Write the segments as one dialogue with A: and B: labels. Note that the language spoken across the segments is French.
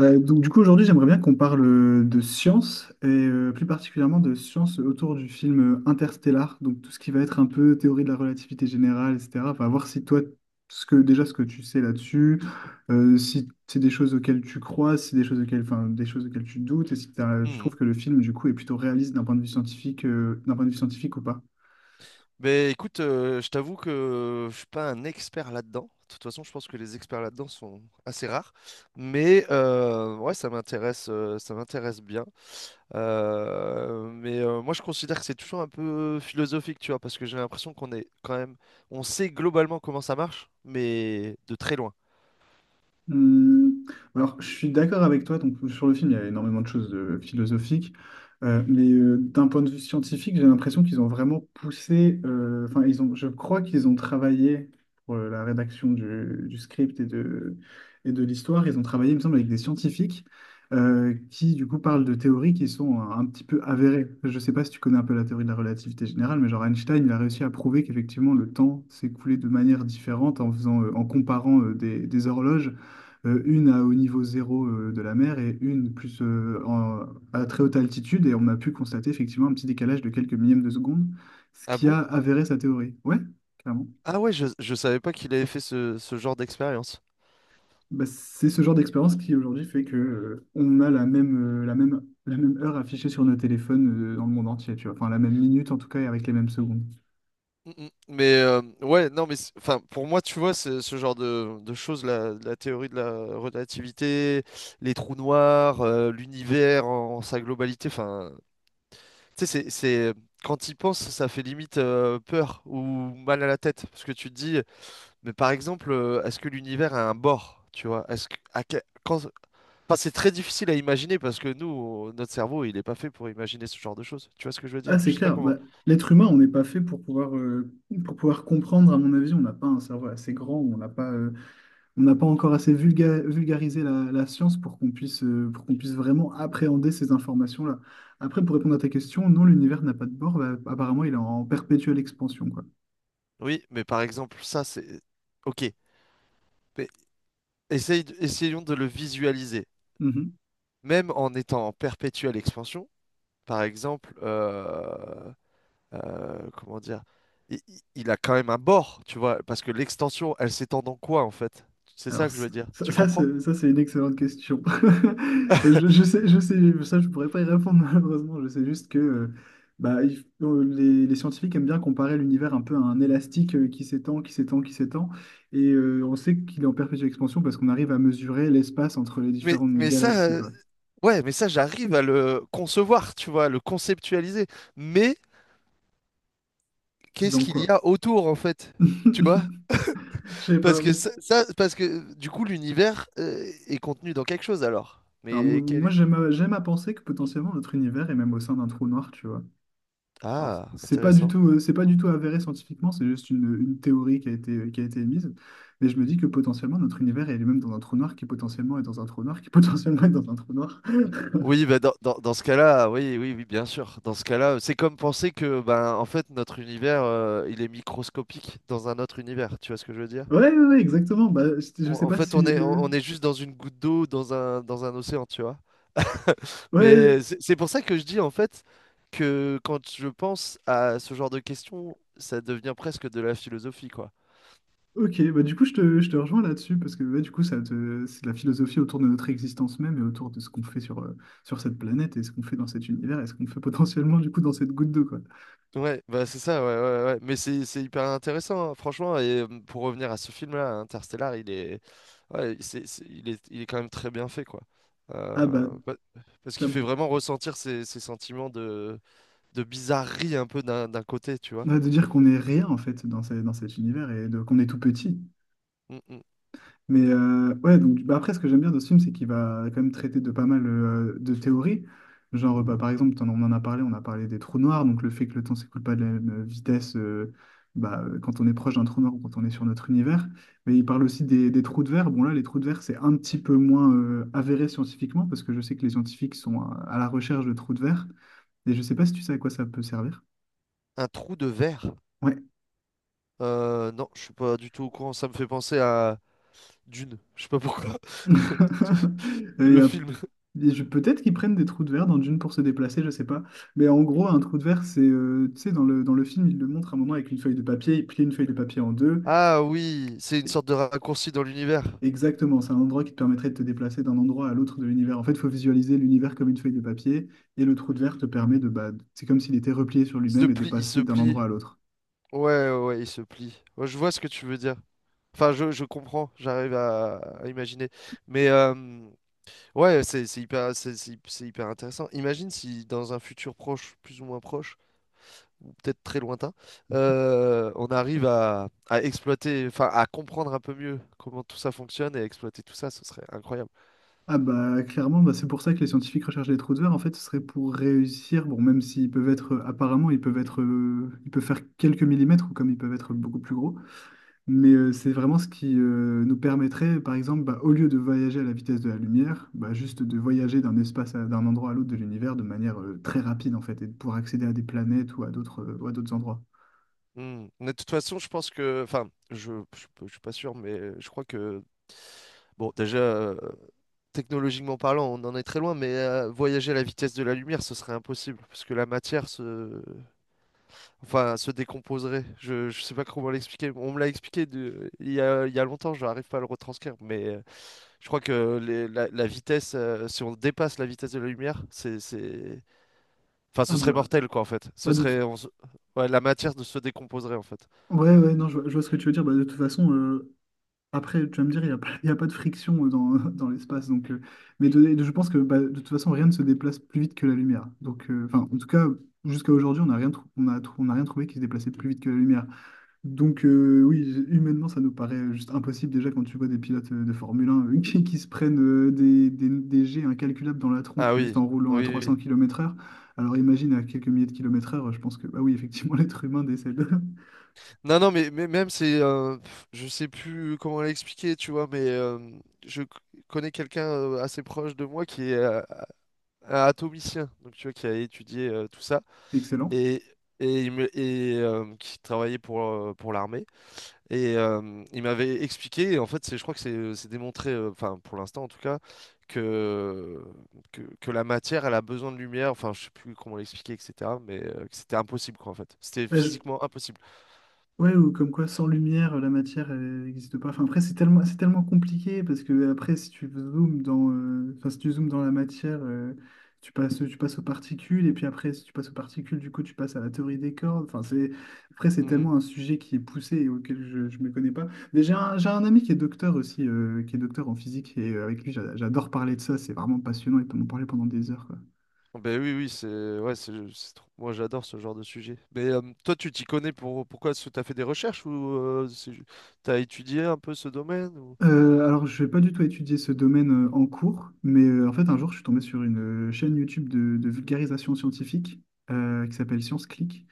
A: Donc du coup aujourd'hui j'aimerais bien qu'on parle de science et plus particulièrement de science autour du film Interstellar, donc tout ce qui va être un peu théorie de la relativité générale, etc. Enfin voir si toi ce que tu sais là-dessus, si c'est des choses auxquelles tu crois, si c'est des choses auxquelles, enfin, des choses auxquelles tu doutes, et si tu trouves
B: Mhm.
A: que le film du coup est plutôt réaliste d'un point de vue scientifique, ou pas.
B: Mais écoute, je t'avoue que je suis pas un expert là-dedans. De toute façon, je pense que les experts là-dedans sont assez rares. Mais ouais, ça m'intéresse bien. Moi, je considère que c'est toujours un peu philosophique, tu vois, parce que j'ai l'impression qu'on est quand même, on sait globalement comment ça marche, mais de très loin.
A: Hum, alors, je suis d'accord avec toi. Donc, sur le film, il y a énormément de choses philosophiques. Mais d'un point de vue scientifique, j'ai l'impression qu'ils ont vraiment poussé. Enfin, ils ont. Je crois qu'ils ont travaillé pour la rédaction du script et de l'histoire. Ils ont travaillé, il me semble, avec des scientifiques qui, du coup, parlent de théories qui sont un petit peu avérées. Je sais pas si tu connais un peu la théorie de la relativité générale, mais genre Einstein, il a réussi à prouver qu'effectivement le temps s'écoulait de manière différente en comparant des horloges, une à au niveau zéro de la mer et une plus à très haute altitude. Et on a pu constater effectivement un petit décalage de quelques millièmes de seconde, ce
B: Ah
A: qui
B: bon?
A: a avéré sa théorie. Ouais, clairement.
B: Ah ouais, je savais pas qu'il avait fait ce genre d'expérience.
A: Bah, c'est ce genre d'expérience qui aujourd'hui fait que on a la même heure affichée sur nos téléphones dans le monde entier, tu vois. Enfin, la même minute en tout cas et avec les mêmes secondes.
B: Mm, mm. Mais ouais, non, mais enfin, pour moi, tu vois, c'est ce genre de choses, la théorie de la relativité, les trous noirs, l'univers en, en sa globalité, enfin, tu sais, quand y penses, ça fait limite peur ou mal à la tête, parce que tu te dis, mais par exemple, est-ce que l'univers a un bord, tu vois, est-ce que, à que- quand, enfin, c'est très difficile à imaginer parce que notre cerveau, il est pas fait pour imaginer ce genre de choses. Tu vois ce que je veux dire?
A: Ah, c'est
B: Je sais pas
A: clair.
B: comment.
A: Bah, l'être humain, on n'est pas fait pour pouvoir comprendre, à mon avis, on n'a pas un cerveau assez grand, on n'a pas encore assez vulgarisé la science pour qu'on puisse vraiment appréhender ces informations-là. Après, pour répondre à ta question, non, l'univers n'a pas de bord. Bah, apparemment, il est en perpétuelle expansion, quoi.
B: Oui, mais par exemple, ok. Mais essayons de le visualiser.
A: Mhm.
B: Même en étant en perpétuelle expansion, par exemple, comment dire, il a quand même un bord, tu vois, parce que l'extension, elle s'étend dans quoi, en fait? C'est ça
A: Alors,
B: que je veux dire. Tu comprends?
A: c'est une excellente question. Je sais, ça, je pourrais pas y répondre, malheureusement. Je sais juste que bah, les scientifiques aiment bien comparer l'univers un peu à un élastique qui s'étend, qui s'étend, qui s'étend. Et on sait qu'il est en perpétuelle expansion parce qu'on arrive à mesurer l'espace entre les
B: Mais,
A: différentes
B: mais ça,
A: galaxies, quoi.
B: ouais, mais ça, j'arrive à le concevoir, tu vois, à le conceptualiser. Mais qu'est-ce
A: Donc
B: qu'il y
A: quoi?
B: a autour, en fait? Tu vois?
A: Je sais
B: Parce
A: pas.
B: que parce que du coup, l'univers, est contenu dans quelque chose, alors.
A: Alors
B: Mais
A: moi
B: quel...
A: j'aime à penser que potentiellement notre univers est même au sein d'un trou noir, tu vois. Alors
B: Ah,
A: c'est pas du
B: intéressant.
A: tout euh, c'est pas du tout avéré scientifiquement, c'est juste une théorie qui a été émise. Mais je me dis que potentiellement notre univers est lui-même dans un trou noir qui potentiellement est dans un trou noir qui potentiellement est dans un trou noir.
B: Oui, bah, dans ce cas-là, oui, oui, oui, bien sûr. Dans ce cas-là, c'est comme penser que, ben, en fait, notre univers, il est microscopique dans un autre univers. Tu vois ce que je veux dire?
A: Ouais, ouais, ouais, exactement. Bah, je sais
B: En
A: pas
B: fait,
A: si.
B: on est juste dans une goutte d'eau, dans un océan, tu vois. Mais
A: Ouais,
B: c'est pour ça que je dis, en fait, que quand je pense à ce genre de questions, ça devient presque de la philosophie, quoi.
A: ok, bah du coup je te rejoins là-dessus parce que ouais, du coup c'est de la philosophie autour de notre existence même et autour de ce qu'on fait sur cette planète et ce qu'on fait dans cet univers et ce qu'on fait potentiellement du coup dans cette goutte d'eau quoi.
B: Ouais, bah c'est ça, ouais, ouais, ouais. Mais c'est hyper intéressant, hein, franchement. Et pour revenir à ce film-là, Interstellar, ouais, il est quand même très bien fait, quoi. Euh,
A: Ah bah,
B: pa- Parce qu'il
A: t'as-
B: fait vraiment ressentir ces, ces sentiments de bizarrerie un peu d'un côté, tu vois.
A: ouais, de dire qu'on est rien en fait dans cet univers et qu'on est tout petit.
B: Mm, mm.
A: Mais ouais, donc bah après, ce que j'aime bien dans ce film, c'est qu'il va quand même traiter de pas mal de théories. Genre, bah, par exemple, on en a parlé, on a parlé des trous noirs, donc le fait que le temps s'écoule pas de la même vitesse quand on est proche d'un trou noir ou quand on est sur notre univers. Mais il parle aussi des trous de verre. Bon, là, les trous de verre, c'est un petit peu moins avéré scientifiquement, parce que je sais que les scientifiques sont à la recherche de trous de verre. Et je sais pas si tu sais à quoi ça peut servir.
B: Un trou de verre? Non, je suis pas du tout au courant. Ça me fait penser à Dune. Je sais pas pourquoi.
A: Et Il y
B: Le
A: a-
B: film.
A: et je- Peut-être qu'ils prennent des trous de verre dans Dune pour se déplacer, je sais pas. Mais en gros, un trou de verre, c'est, tu sais, dans le film, il le montre à un moment avec une feuille de papier, il plie une feuille de papier en deux.
B: Ah oui, c'est une
A: Et-
B: sorte de raccourci dans l'univers.
A: Exactement, c'est un endroit qui te permettrait de te déplacer d'un endroit à l'autre de l'univers. En fait, il faut visualiser l'univers comme une feuille de papier, et le trou de verre te permet de, bah, c'est comme s'il était replié sur
B: Il se
A: lui-même et de
B: plie, il se
A: passer d'un
B: plie.
A: endroit à l'autre.
B: Ouais, ouais, ouais, il se plie. Ouais, je vois ce que tu veux dire. Enfin, je comprends, j'arrive à imaginer. Mais ouais, c'est hyper, c'est hy- c'est hyper intéressant. Imagine si dans un futur proche, plus ou moins proche, ou peut-être très lointain, on arrive à exploiter, enfin, à comprendre un peu mieux comment tout ça fonctionne et exploiter tout ça, ce serait incroyable.
A: Ah bah clairement, bah, c'est pour ça que les scientifiques recherchent les trous de verre. En fait, ce serait pour réussir, bon, même s'apparemment, ils peuvent faire quelques millimètres, ou comme ils peuvent être beaucoup plus gros, mais c'est vraiment ce qui nous permettrait, par exemple, bah, au lieu de voyager à la vitesse de la lumière, bah, juste de voyager d'un endroit à l'autre de l'univers de manière très rapide, en fait, et de pouvoir accéder à des planètes ou à d'autres endroits.
B: Hmm. Mais de toute façon, je pense que, enfin, je suis pas sûr, mais je crois que, bon, déjà. Technologiquement parlant, on en est très loin, mais voyager à la vitesse de la lumière, ce serait impossible, parce que enfin, se décomposerait. Je sais pas comment l'expliquer. On me l'a expliqué il y a longtemps, je n'arrive pas à le retranscrire, mais je crois que la vitesse, si on dépasse la vitesse de la lumière, c'est... Enfin, ce
A: Ah
B: serait
A: bah,
B: mortel, quoi, en fait. Ce
A: bah,
B: serait... on se- Ouais, la matière ne se décomposerait, en fait.
A: ouais, ouais, non, je vois ce que tu veux dire. Bah, de toute façon, après, tu vas me dire, il n'y a pas, il y a pas de friction dans, dans l'espace. Donc, je pense que bah, de toute façon, rien ne se déplace plus vite que la lumière. Donc, enfin, en tout cas, jusqu'à aujourd'hui, on n'a rien, trou- on a rien trouvé qui se déplaçait plus vite que la lumière. Donc, oui, humainement, ça nous paraît juste impossible. Déjà, quand tu vois des pilotes de Formule 1 qui se prennent des jets incalculables dans la
B: Ah
A: tronche juste
B: oui,
A: en roulant
B: oui,
A: à
B: oui.
A: 300
B: Oui.
A: kilomètres heure. Alors, imagine à quelques milliers de kilomètres heure, je pense que, bah oui, effectivement, l'être humain décède.
B: Non, non, mais même c'est, je sais plus comment l'expliquer, tu vois, mais je c- connais quelqu'un assez proche de moi qui est un atomicien, donc tu vois, qui a étudié tout ça
A: Excellent.
B: et et, il me, et qui travaillait pour l'armée et il m'avait expliqué, et en fait, je crois que c'est démontré, enfin pour l'instant en tout cas, que, que la matière, elle a besoin de lumière, enfin je sais plus comment l'expliquer, etc., mais que c'était impossible quoi en fait, c'était physiquement impossible.
A: Ouais, ou comme quoi sans lumière, la matière elle n'existe pas. Enfin, après, c'est tellement compliqué parce que après, si tu zoomes dans, enfin, si tu zoomes dans la matière, tu passes aux particules, et puis après, si tu passes aux particules, du coup, tu passes à la théorie des cordes. Enfin, après, c'est
B: Mmh.
A: tellement un sujet qui est poussé et auquel je ne me connais pas. Mais j'ai un ami qui est docteur aussi, qui est docteur en physique, et avec lui, j'adore parler de ça. C'est vraiment passionnant, il peut m'en parler pendant des heures.
B: Ben oui, oui, c'est ouais, moi j'adore ce genre de sujet. Mais toi, tu t'y connais pourquoi? Est-ce que t'as fait des recherches ou euh, c'est ju- t'as étudié un peu ce domaine ou
A: Alors, je vais pas du tout étudier ce domaine en cours, mais en fait, un jour, je suis tombé sur une chaîne YouTube de vulgarisation scientifique qui s'appelle Science Click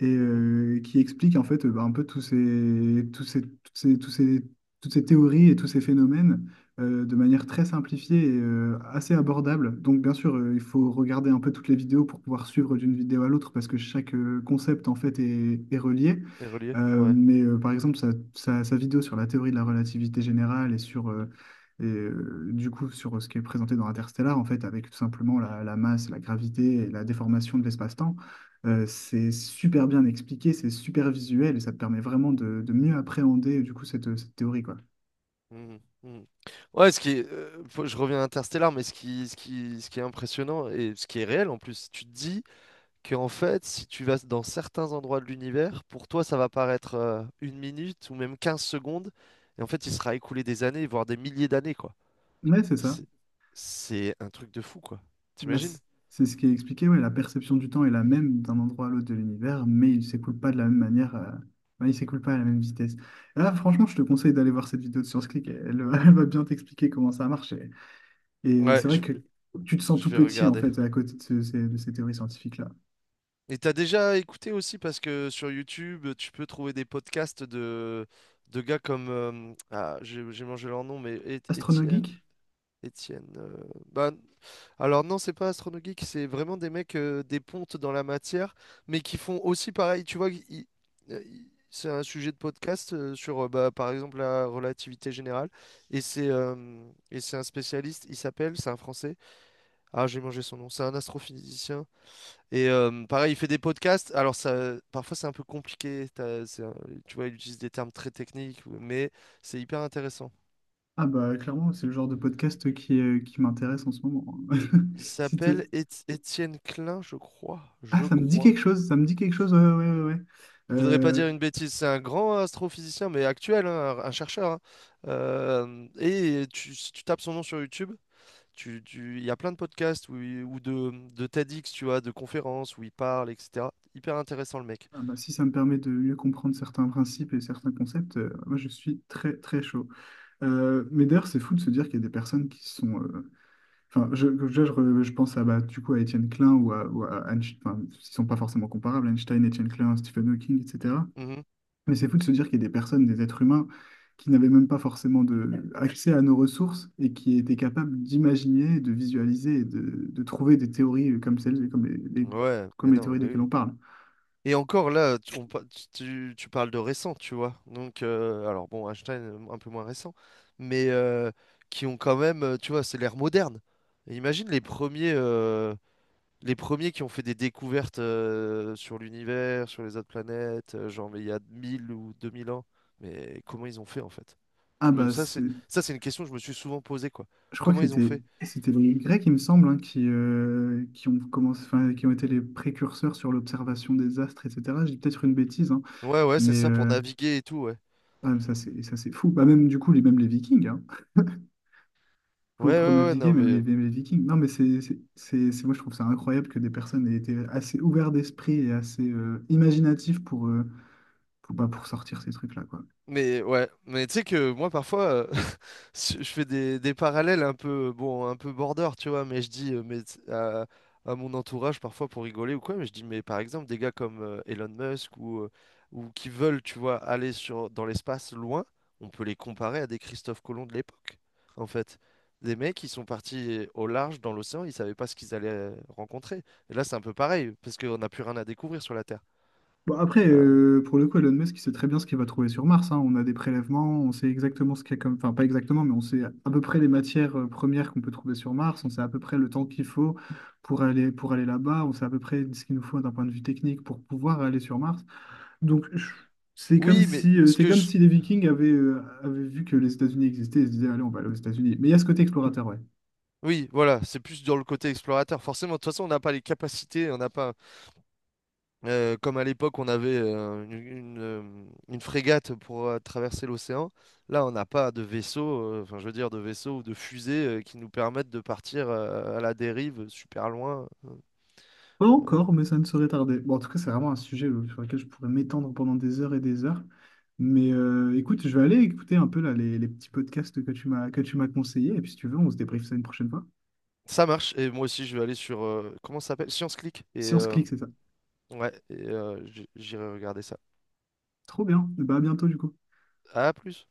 A: et
B: Mhm.
A: qui explique en fait bah, un peu toutes ces théories et tous ces phénomènes de manière très simplifiée et assez abordable. Donc bien sûr, il faut regarder un peu toutes les vidéos pour pouvoir suivre d'une vidéo à l'autre parce que chaque concept en fait est relié.
B: Les reliés? Ouais.
A: Mais par exemple, sa vidéo sur la théorie de la relativité générale et du coup, sur ce qui est présenté dans Interstellar, en fait, avec tout simplement la masse, la gravité et la déformation de l'espace-temps, c'est super bien expliqué, c'est super visuel et ça te permet vraiment de mieux appréhender du coup cette théorie quoi.
B: Mhm. Mhm. Ouais, ce qui est, je reviens à Interstellar, mais ce qui est impressionnant et ce qui est réel en plus, tu te dis qu'en fait, si tu vas dans certains endroits de l'univers, pour toi, ça va paraître une minute ou même 15 secondes, et en fait, il sera écoulé des années, voire des milliers d'années, quoi.
A: Ouais, c'est ça.
B: C'est c'est un truc de fou, quoi.
A: Bah,
B: T'imagines?
A: c'est ce qui est expliqué, ouais, la perception du temps est la même d'un endroit à l'autre de l'univers, mais il s'écoule pas de la même manière, ouais, il s'écoule pas à la même vitesse. Et là, franchement, je te conseille d'aller voir cette vidéo de Science Click, elle va elle va bien t'expliquer comment ça marche. Et
B: Ouais,
A: c'est vrai que tu te sens
B: je
A: tout
B: vais
A: petit en
B: regarder.
A: fait à côté de ces théories scientifiques-là.
B: Et t'as déjà écouté aussi parce que sur YouTube, tu peux trouver des podcasts de gars comme... ah, j'ai mangé leur nom, mais Étienne.
A: Astronogeek?
B: Étienne. Bah, alors non, c'est pas Astrono Geek, c'est vraiment des mecs, des pontes dans la matière, mais qui font aussi pareil. Tu vois, c'est un sujet de podcast bah, par exemple, la relativité générale. Et c'est un spécialiste, il s'appelle, c'est un Français. Ah, j'ai mangé son nom, c'est un astrophysicien. Et pareil, il fait des podcasts. Alors ça, parfois c'est un peu compliqué, tu vois, il utilise des termes très techniques, mais c'est hyper intéressant.
A: Ah bah clairement, c'est le genre de podcast qui m'intéresse en ce moment.
B: Il
A: Si t'es-
B: s'appelle Étienne Klein, je crois.
A: Ah,
B: Je
A: ça me dit
B: crois.
A: quelque chose, ça me dit quelque chose, ouais, ouais, ouais, ouais.
B: Je voudrais pas dire
A: Euh,
B: une bêtise. C'est un grand astrophysicien, mais actuel, hein, un chercheur. Hein. Si tu tapes son nom sur YouTube, il y a plein de podcasts ou de TEDx, tu vois, de conférences où il parle, etc. Hyper intéressant, le mec.
A: ah bah, si ça me permet de mieux comprendre certains principes et certains concepts, moi je suis très très chaud. Mais d'ailleurs, c'est fou de se dire qu'il y a des personnes qui sont... Enfin, je pense à, bah, du coup, à Étienne Klein ou à Einstein, enfin, ils sont pas forcément comparables, Einstein, Étienne Klein, Stephen Hawking, etc.
B: Mhm.
A: Mais c'est fou de se dire qu'il y a des personnes, des êtres humains, qui n'avaient même pas forcément accès à nos ressources et qui étaient capables d'imaginer, de visualiser et de trouver des théories comme celles, comme
B: Ouais, mais
A: comme les
B: non,
A: théories
B: mais
A: desquelles
B: oui.
A: on parle.
B: Et encore là, tu parles de récent, tu vois. Donc, alors bon, Einstein, un peu moins récent, mais qui ont quand même, tu vois, c'est l'ère moderne. Et imagine les premiers qui ont fait des découvertes sur l'univers, sur les autres planètes, genre, mais il y a 1000 ou 2000 ans. Mais comment ils ont fait, en fait?
A: Ah bah,
B: Ça, ça, c'est une question que je me suis souvent posée, quoi.
A: je crois que
B: Comment ils ont
A: c'était
B: fait?
A: les Grecs, il me semble, hein, qui ont commencé, enfin, qui ont été les précurseurs sur l'observation des astres, etc. Je dis peut-être une bêtise, hein,
B: Ouais, ouais, c'est
A: mais
B: ça, pour
A: euh,
B: naviguer et tout, ouais.
A: ah, ça c'est fou. Bah, même du coup, même les Vikings, hein.
B: Ouais,
A: Pour
B: ouais, ouais,
A: naviguer,
B: non,
A: même
B: mais.
A: les, même les Vikings. Non, mais moi, je trouve ça incroyable que des personnes aient été assez ouvertes d'esprit et assez imaginatives pour, bah, pour sortir ces trucs-là, quoi.
B: Mais ouais, mais tu sais que moi parfois, je fais des parallèles un peu, bon, un peu border, tu vois, mais je dis mais, à, à mon entourage parfois pour rigoler ou quoi, mais je dis, mais par exemple, des gars comme Elon Musk ou qui veulent, tu vois, dans l'espace loin, on peut les comparer à des Christophe Colomb de l'époque, en fait. Des mecs qui sont partis au large dans l'océan, ils savaient pas ce qu'ils allaient rencontrer. Et là, c'est un peu pareil, parce qu'on n'a plus rien à découvrir sur la Terre.
A: Bon, après,
B: Euh,
A: pour le coup, Elon Musk, il sait très bien ce qu'il va trouver sur Mars, hein. On a des prélèvements, on sait exactement ce qu'il y a comme... Enfin, pas exactement, mais on sait à peu près les matières premières qu'on peut trouver sur Mars, on sait à peu près le temps qu'il faut pour aller là-bas, on sait à peu près ce qu'il nous faut d'un point de vue technique pour pouvoir aller sur Mars. Donc, c'est comme
B: oui, mais
A: si,
B: ce que je...
A: les Vikings avaient, avaient vu que les États-Unis existaient et se disaient, allez, on va aller aux États-Unis. Mais il y a ce côté explorateur, ouais.
B: Oui, voilà, c'est plus dans le côté explorateur. Forcément, de toute façon, on n'a pas les capacités, on n'a pas... Comme à l'époque, on avait une frégate pour traverser l'océan. Là, on n'a pas de vaisseau, enfin, je veux dire, de vaisseau ou de fusée qui nous permettent de partir à la dérive super loin.
A: Pas encore, mais ça ne saurait tarder. Bon, en tout cas, c'est vraiment un sujet sur lequel je pourrais m'étendre pendant des heures et des heures. Mais écoute, je vais aller écouter un peu là, les petits podcasts que tu m'as conseillés. Et puis, si tu veux, on se débriefe ça une prochaine fois.
B: Ça marche. Et moi aussi, je vais aller sur, comment ça s'appelle? Science Click. Et
A: Science on c'est ça.
B: ouais, j'irai regarder ça.
A: Trop bien. Bah, à bientôt, du coup.
B: À plus.